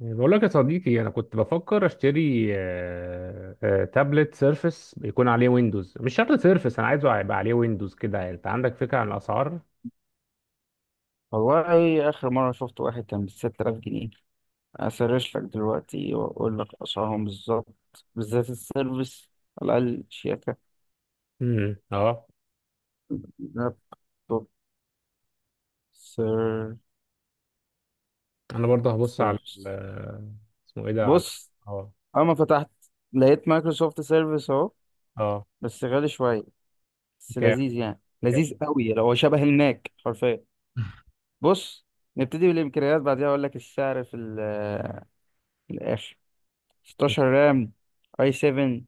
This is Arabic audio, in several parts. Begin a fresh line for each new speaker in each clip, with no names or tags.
بقول لك يا صديقي، انا كنت بفكر اشتري تابلت سيرفس يكون عليه ويندوز. مش شرط سيرفس، انا عايزه يبقى عليه ويندوز كده. انت عندك فكره عن الاسعار؟
والله آخر مرة شفت واحد كان بستة آلاف جنيه. أسرش لك دلوقتي وأقول لك أسعارهم بالظبط، بالذات السيرفيس، على الأقل شياكة
اه.
لابتوب. سير
انا برضه هبص على
سيرفيس.
اسمه ايه ده. على
بص،
اه.
أما فتحت لقيت مايكروسوفت سيرفيس أهو.
اه.
بس غالي شوية، بس
بكام؟
لذيذ يعني لذيذ قوي، لو هو شبه الماك حرفيا. بص، نبتدي بالإمكانيات بعدها أقول لك السعر في الآخر. 16
بكام؟
رام، اي 7،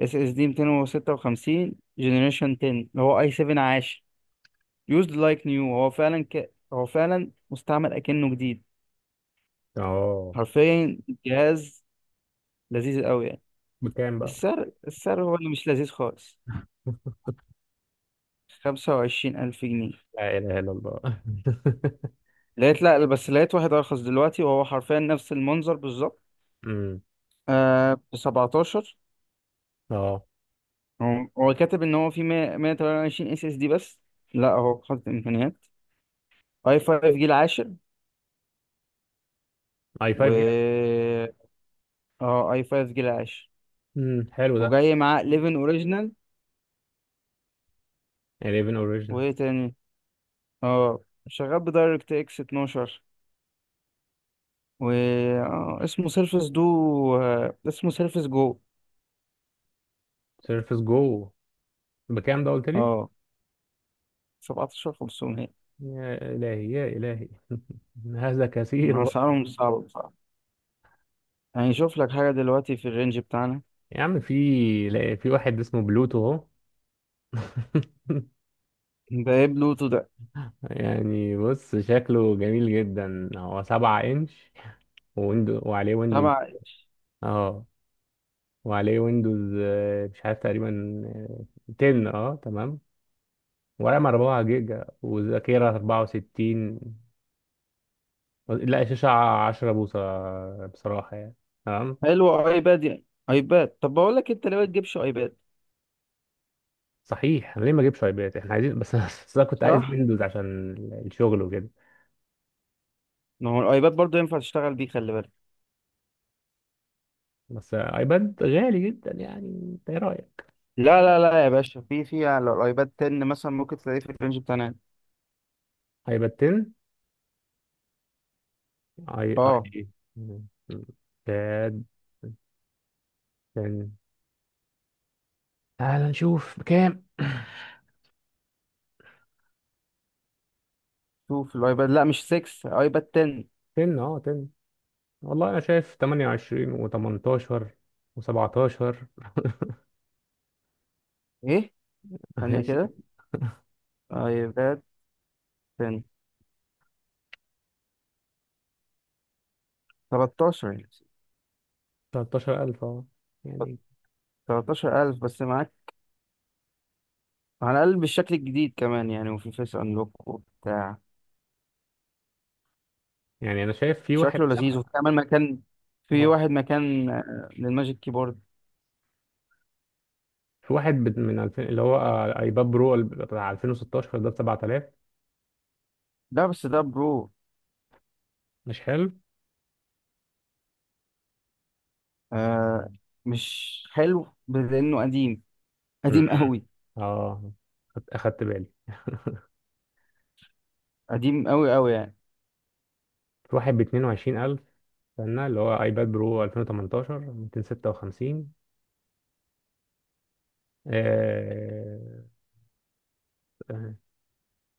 اس اس دي 256، جنريشن 10 اللي هو اي 7 عاشر. يوزد لايك نيو، هو فعلا هو فعلا مستعمل اكنه جديد
اه.
حرفيا. جهاز لذيذ قوي يعني.
بكام بقى؟
السعر هو اللي مش لذيذ خالص. 25000 جنيه.
لا اله الا الله.
لقيت، لا، بس لقيت واحد ارخص دلوقتي، وهو حرفيا نفس المنظر بالظبط.
امم
ب 17.
اه.
هو كاتب ان هو في 100 128 اس اس دي بس. لا، هو خد امكانيات اي 5 جيل عاشر.
اي 5
و
جيجا.
اه اي 5 جيل عاشر.
حلو ده.
وجاي معاه 11 اوريجينال.
11 اوريجينال.
وايه تاني؟ اه، شغال بدايركت اكس 12. و اسمه سيرفس دو. اسمه سيرفس جو.
سيرفس جو. بكام ده قلت لي؟
اه، 17 500.
يا الهي يا الهي. هذا
انا
كثير.
اسعارهم صعبه بصراحه. يعني شوف لك حاجه دلوقتي في الرينج بتاعنا.
يا عم، في في واحد اسمه بلوتو اهو.
ده ايه بلوتو ده؟
يعني بص شكله جميل جدا، هو سبعة انش. ويندو وعليه ويندوز.
تبع.
اه. وعليه ويندوز، مش عارف، تقريبا آه، 10. اه تمام. ورام 4 جيجا وذاكرة 64. لا شاشة 10 بوصة بصراحة يعني. تمام.
حلو، ايباد يعني ايباد. طب بقول لك، انت ليه ما تجيبش ايباد؟
صحيح، أنا ليه ما اجيبش ايباد؟ احنا عايزين بس. بس انا كنت عايز
صح.
ويندوز عشان الشغل وكده.
ما هو الايباد برضه ينفع تشتغل بيه، خلي بالك.
بس ايباد غالي جدا، يعني انت ايه رأيك؟
لا لا لا يا باشا، في على الايباد 10 مثلا ممكن تلاقيه في الرينج بتاعنا.
هيبقى التن. اي
اه،
اي. تاد. تن. تعال نشوف بكام.
2 في الايباد، لا مش 6، ايباد 10.
تن، اه تن. والله انا شايف 28 و18 و17.
ايه، ثانية كده. ايباد 10. 13 يعني.
13,000 اه. يعني.
13000 بس معاك، على الاقل بالشكل الجديد كمان يعني، وفي فيس انلوك وبتاع.
يعني انا شايف في واحد
شكله لذيذ،
بسبعة.
وبتعمل مكان، في
اه.
واحد مكان للماجيك كيبورد.
في واحد من 2000، اللي هو ايباد برو بتاع 2016، ده ب 7000.
لا، بس ده برو.
مش حلو.
آه مش حلو لانه قديم.
مم.
قديم قوي.
اه. اخدت بالي.
قديم قوي قوي يعني.
في واحد ب 22,000، استنى، اللي هو ايباد برو 2018 256. آه،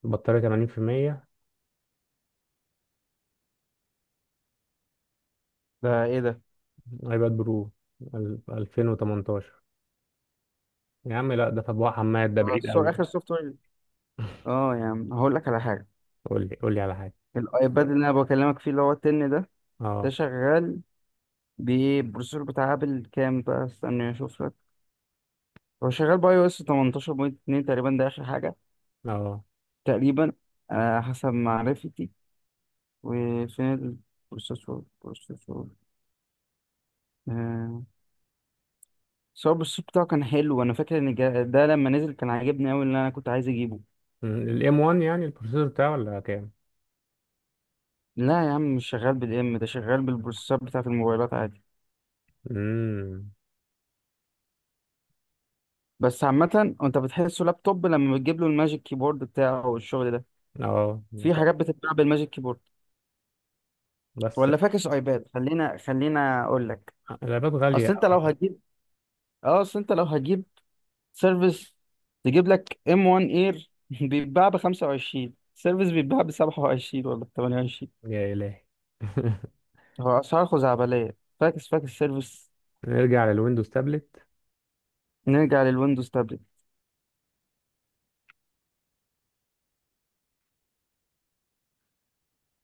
البطارية 80%.
ده ايه ده؟
ايباد برو 2018. يا عم لا، ده تبوع حماد، ده
ده
بعيد
السو-
قوي.
اخر سوفت وير. اه يعني هقول لك على حاجه.
قول لي على حاجة.
الايباد اللي انا بكلمك فيه اللي هو 10 ده، ده
اه.
شغال ببروسيسور بتاع ابل. كام بقى؟ استنى اشوف لك. هو شغال باي او اس 18.2 تقريبا. ده اخر حاجه
اه.
تقريبا، حسب معرفتي. وفين البروسيسور؟ آه بس هو البروسيسور بتاعه كان حلو، انا فاكر ان ده لما نزل كان عاجبني قوي، اللي انا كنت عايز اجيبه.
الام 1. يعني البروسيسور بتاعه ولا كام؟
لا يا عم، مش شغال بالام، ده شغال بالبروسيسور بتاعه الموبايلات عادي.
امم
بس عامه انت بتحسه لابتوب لما بتجيب له الماجيك كيبورد بتاعه والشغل ده.
اه.
في
طب
حاجات بتتباع بالماجيك كيبورد.
بس
ولا فاكس ايباد. خلينا اقول لك.
الايباد غالية.
اصل انت لو هتجيب اه اصل انت لو هتجيب سيرفيس، تجيب لك ام 1 اير. بيتباع ب 25، سيرفيس بيتباع ب 27 ولا ب 28.
يا الهي.
هو اسعار خزعبليه. فاكس فاكس سيرفيس.
نرجع للويندوز تابلت.
نرجع للويندوز تابلت.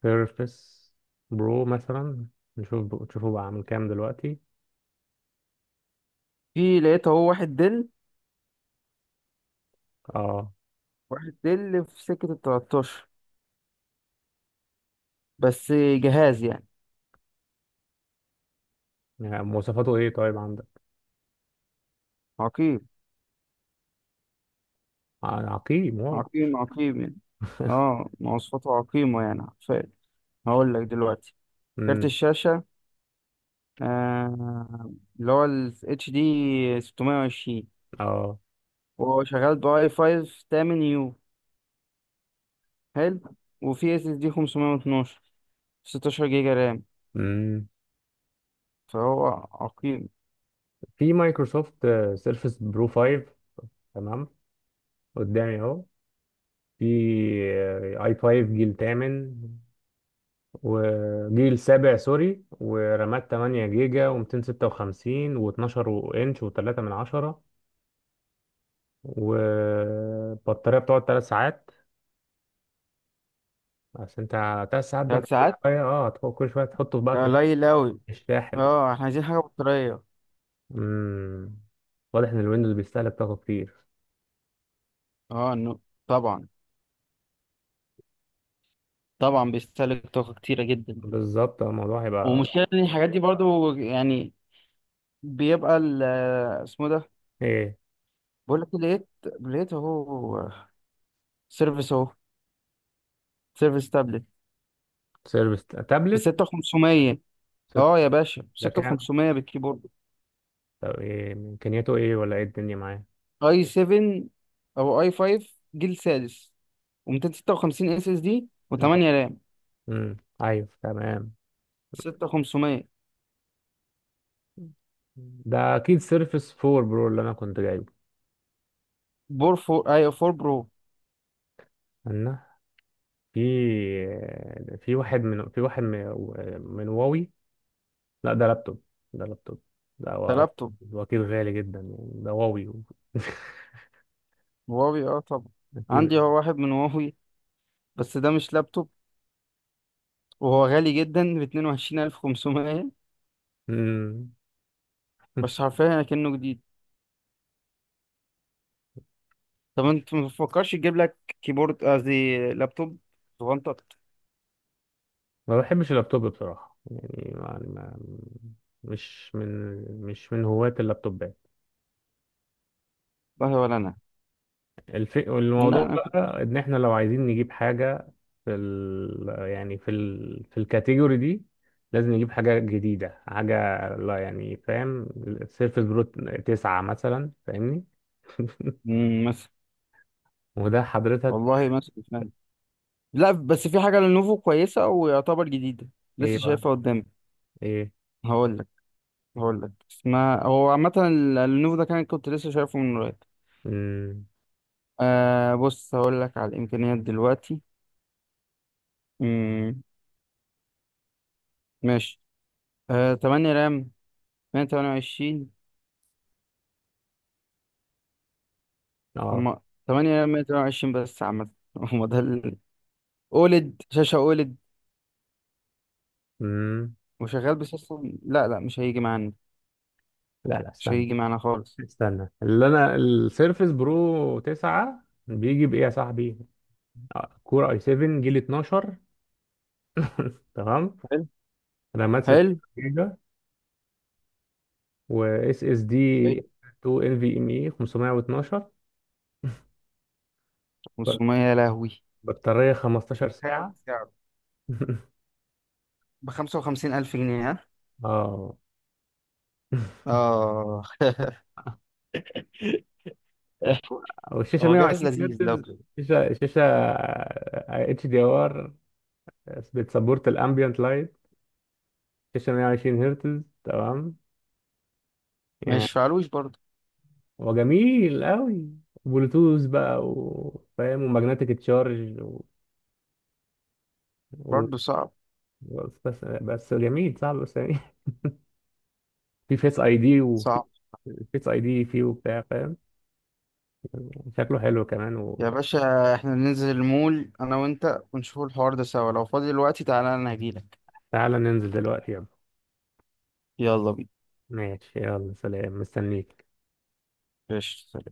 سيرفس برو مثلا. نشوفه بقى عامل كام دلوقتي.
في لقيت اهو.
اه.
واحد دل في سكه ال 13. بس جهاز يعني
يعني مواصفاته ايه طيب عندك؟
عقيم.
عقيم؟ واو.
عقيم عقيم يعني. اه، مواصفاته عقيمه يعني، فعلا. هقول لك دلوقتي، كارت الشاشه، آه اللي هو ال اتش دي 620.
اه.
وهو شغال بأي 5 8 يو، حلو. وفي اس اس دي 512، 16 جيجا رام،
امم
فهو عقيم.
في مايكروسوفت سيرفس برو 5 تمام قدامي اهو. في اي 5 جيل 8 وجيل 7 سوري. ورامات 8 جيجا و256 و12 انش و3 من 10. وبطارية بتقعد 3 ساعات. عشان انت. 3 ساعات، ده انت
ثلاث
كل
ساعات
شوية اه كل شوية تحطه بقى
ده
في
قليل أوي.
الشاحن.
اه، احنا عايزين حاجة بطارية.
امم واضح ان الويندوز بيستهلك طاقة كتير.
اه إنه- طبعا، طبعا بيستهلك طاقة كتيرة جدا.
بالظبط، الموضوع هيبقى
ومشكلة إن الحاجات دي برضو يعني، بيبقى ال آه، اسمه ده.
ايه؟
بقول لك لقيت اهو، سيرفيس اهو، سيرفيس تابلت
سيرفيس
ب
تابلت.
6500.
ستة.
اه يا باشا،
ده كام؟
6500 بالكيبورد.
طب ايه امكانياته، ايه ولا ايه الدنيا معاه؟
اي 7 او اي 5 جيل سادس و256 اس اس دي و8
اه.
رام.
امم ايوه تمام.
6500.
ده اكيد سيرفس 4 برو اللي انا كنت جايبه.
بور فور اي 4 برو.
انا. في. في واحد من في واحد من, من واوي. لا ده لابتوب. ده لابتوب. ده
ده
هو.
لابتوب.
هو اكيد غالي جدا، يعني ده واوي.
هواوي، اه طبعا.
اكيد.
عندي هو واحد من هواوي، بس ده مش لابتوب، وهو غالي جدا ب 22500.
امم
بس حرفيا كأنه جديد. طب انت ما بتفكرش تجيب لك كيبورد؟ قصدي لابتوب صغنطط.
ما بحبش اللابتوب بصراحة، يعني مش من هواة اللابتوبات.
والله ولا انا. لا
الموضوع
انا كنت.
بقى ان احنا لو عايزين نجيب حاجة يعني في الكاتيجوري دي، لازم نجيب حاجة جديدة. حاجة لا، يعني فاهم، السيرفس برو تسعة مثلا، فاهمني.
مم، مثلا.
وده حضرتك.
والله مثلا فعلا. لا، بس في حاجة للنوفو كويسة ويعتبر جديدة،
ايه
لسه
بقى؟
شايفها قدامي.
ايه؟
هقول لك هقول لك اسمها. هو عامة اللينوفو ده كان كنت لسه شايفه من قريب.
امم
بص، هقول لك على الإمكانيات دلوقتي. مم. ماشي. 8 رام 128.
اه.
هما 8 رام 128 بس عامة، هما ده ال أولد شاشة أولد.
امم
وشغال بسيستم، لا لا مش هيجي معانا.
لا لا،
مش
استنى.
هيجي معانا خالص.
اللي انا السيرفس برو 9 بيجي بايه يا صاحبي؟ كور اي 7 جيل 12. تمام.
حلو،
رامات 6
حلو،
و اس اس دي
حلو.
2. ال في ام اي 512. بط-
500 يا لهوي.
بطارية
مش
15
متخيل
ساعة.
سعره، ب 55000 جنيه، ها.
اه.
اه.
والشاشة
هو جهاز
120
لذيذ لو.
هرتز. شاشة اتش دي ار. بتسبورت الامبيانت لايت. شاشة 120 هرتز تمام
مش
يعني.
فعلوش برضه.
وجميل قوي. بلوتوث بقى وفاهم. ومagnetic تشارج و... و...
برضه صعب،
بس بس جميل صعب بس يعني. في فيس اي دي. وفي
صعب.
فيس اي دي فيه وبتاع فاهم. شكله حلو كمان.
يا باشا، احنا ننزل المول انا وانت ونشوف الحوار ده سوا لو فاضي دلوقتي، تعالى انا هجيلك.
وتعالى ننزل دلوقتي يلا.
يلا بينا.
ماشي يلا، سلام، مستنيك.
قشطة.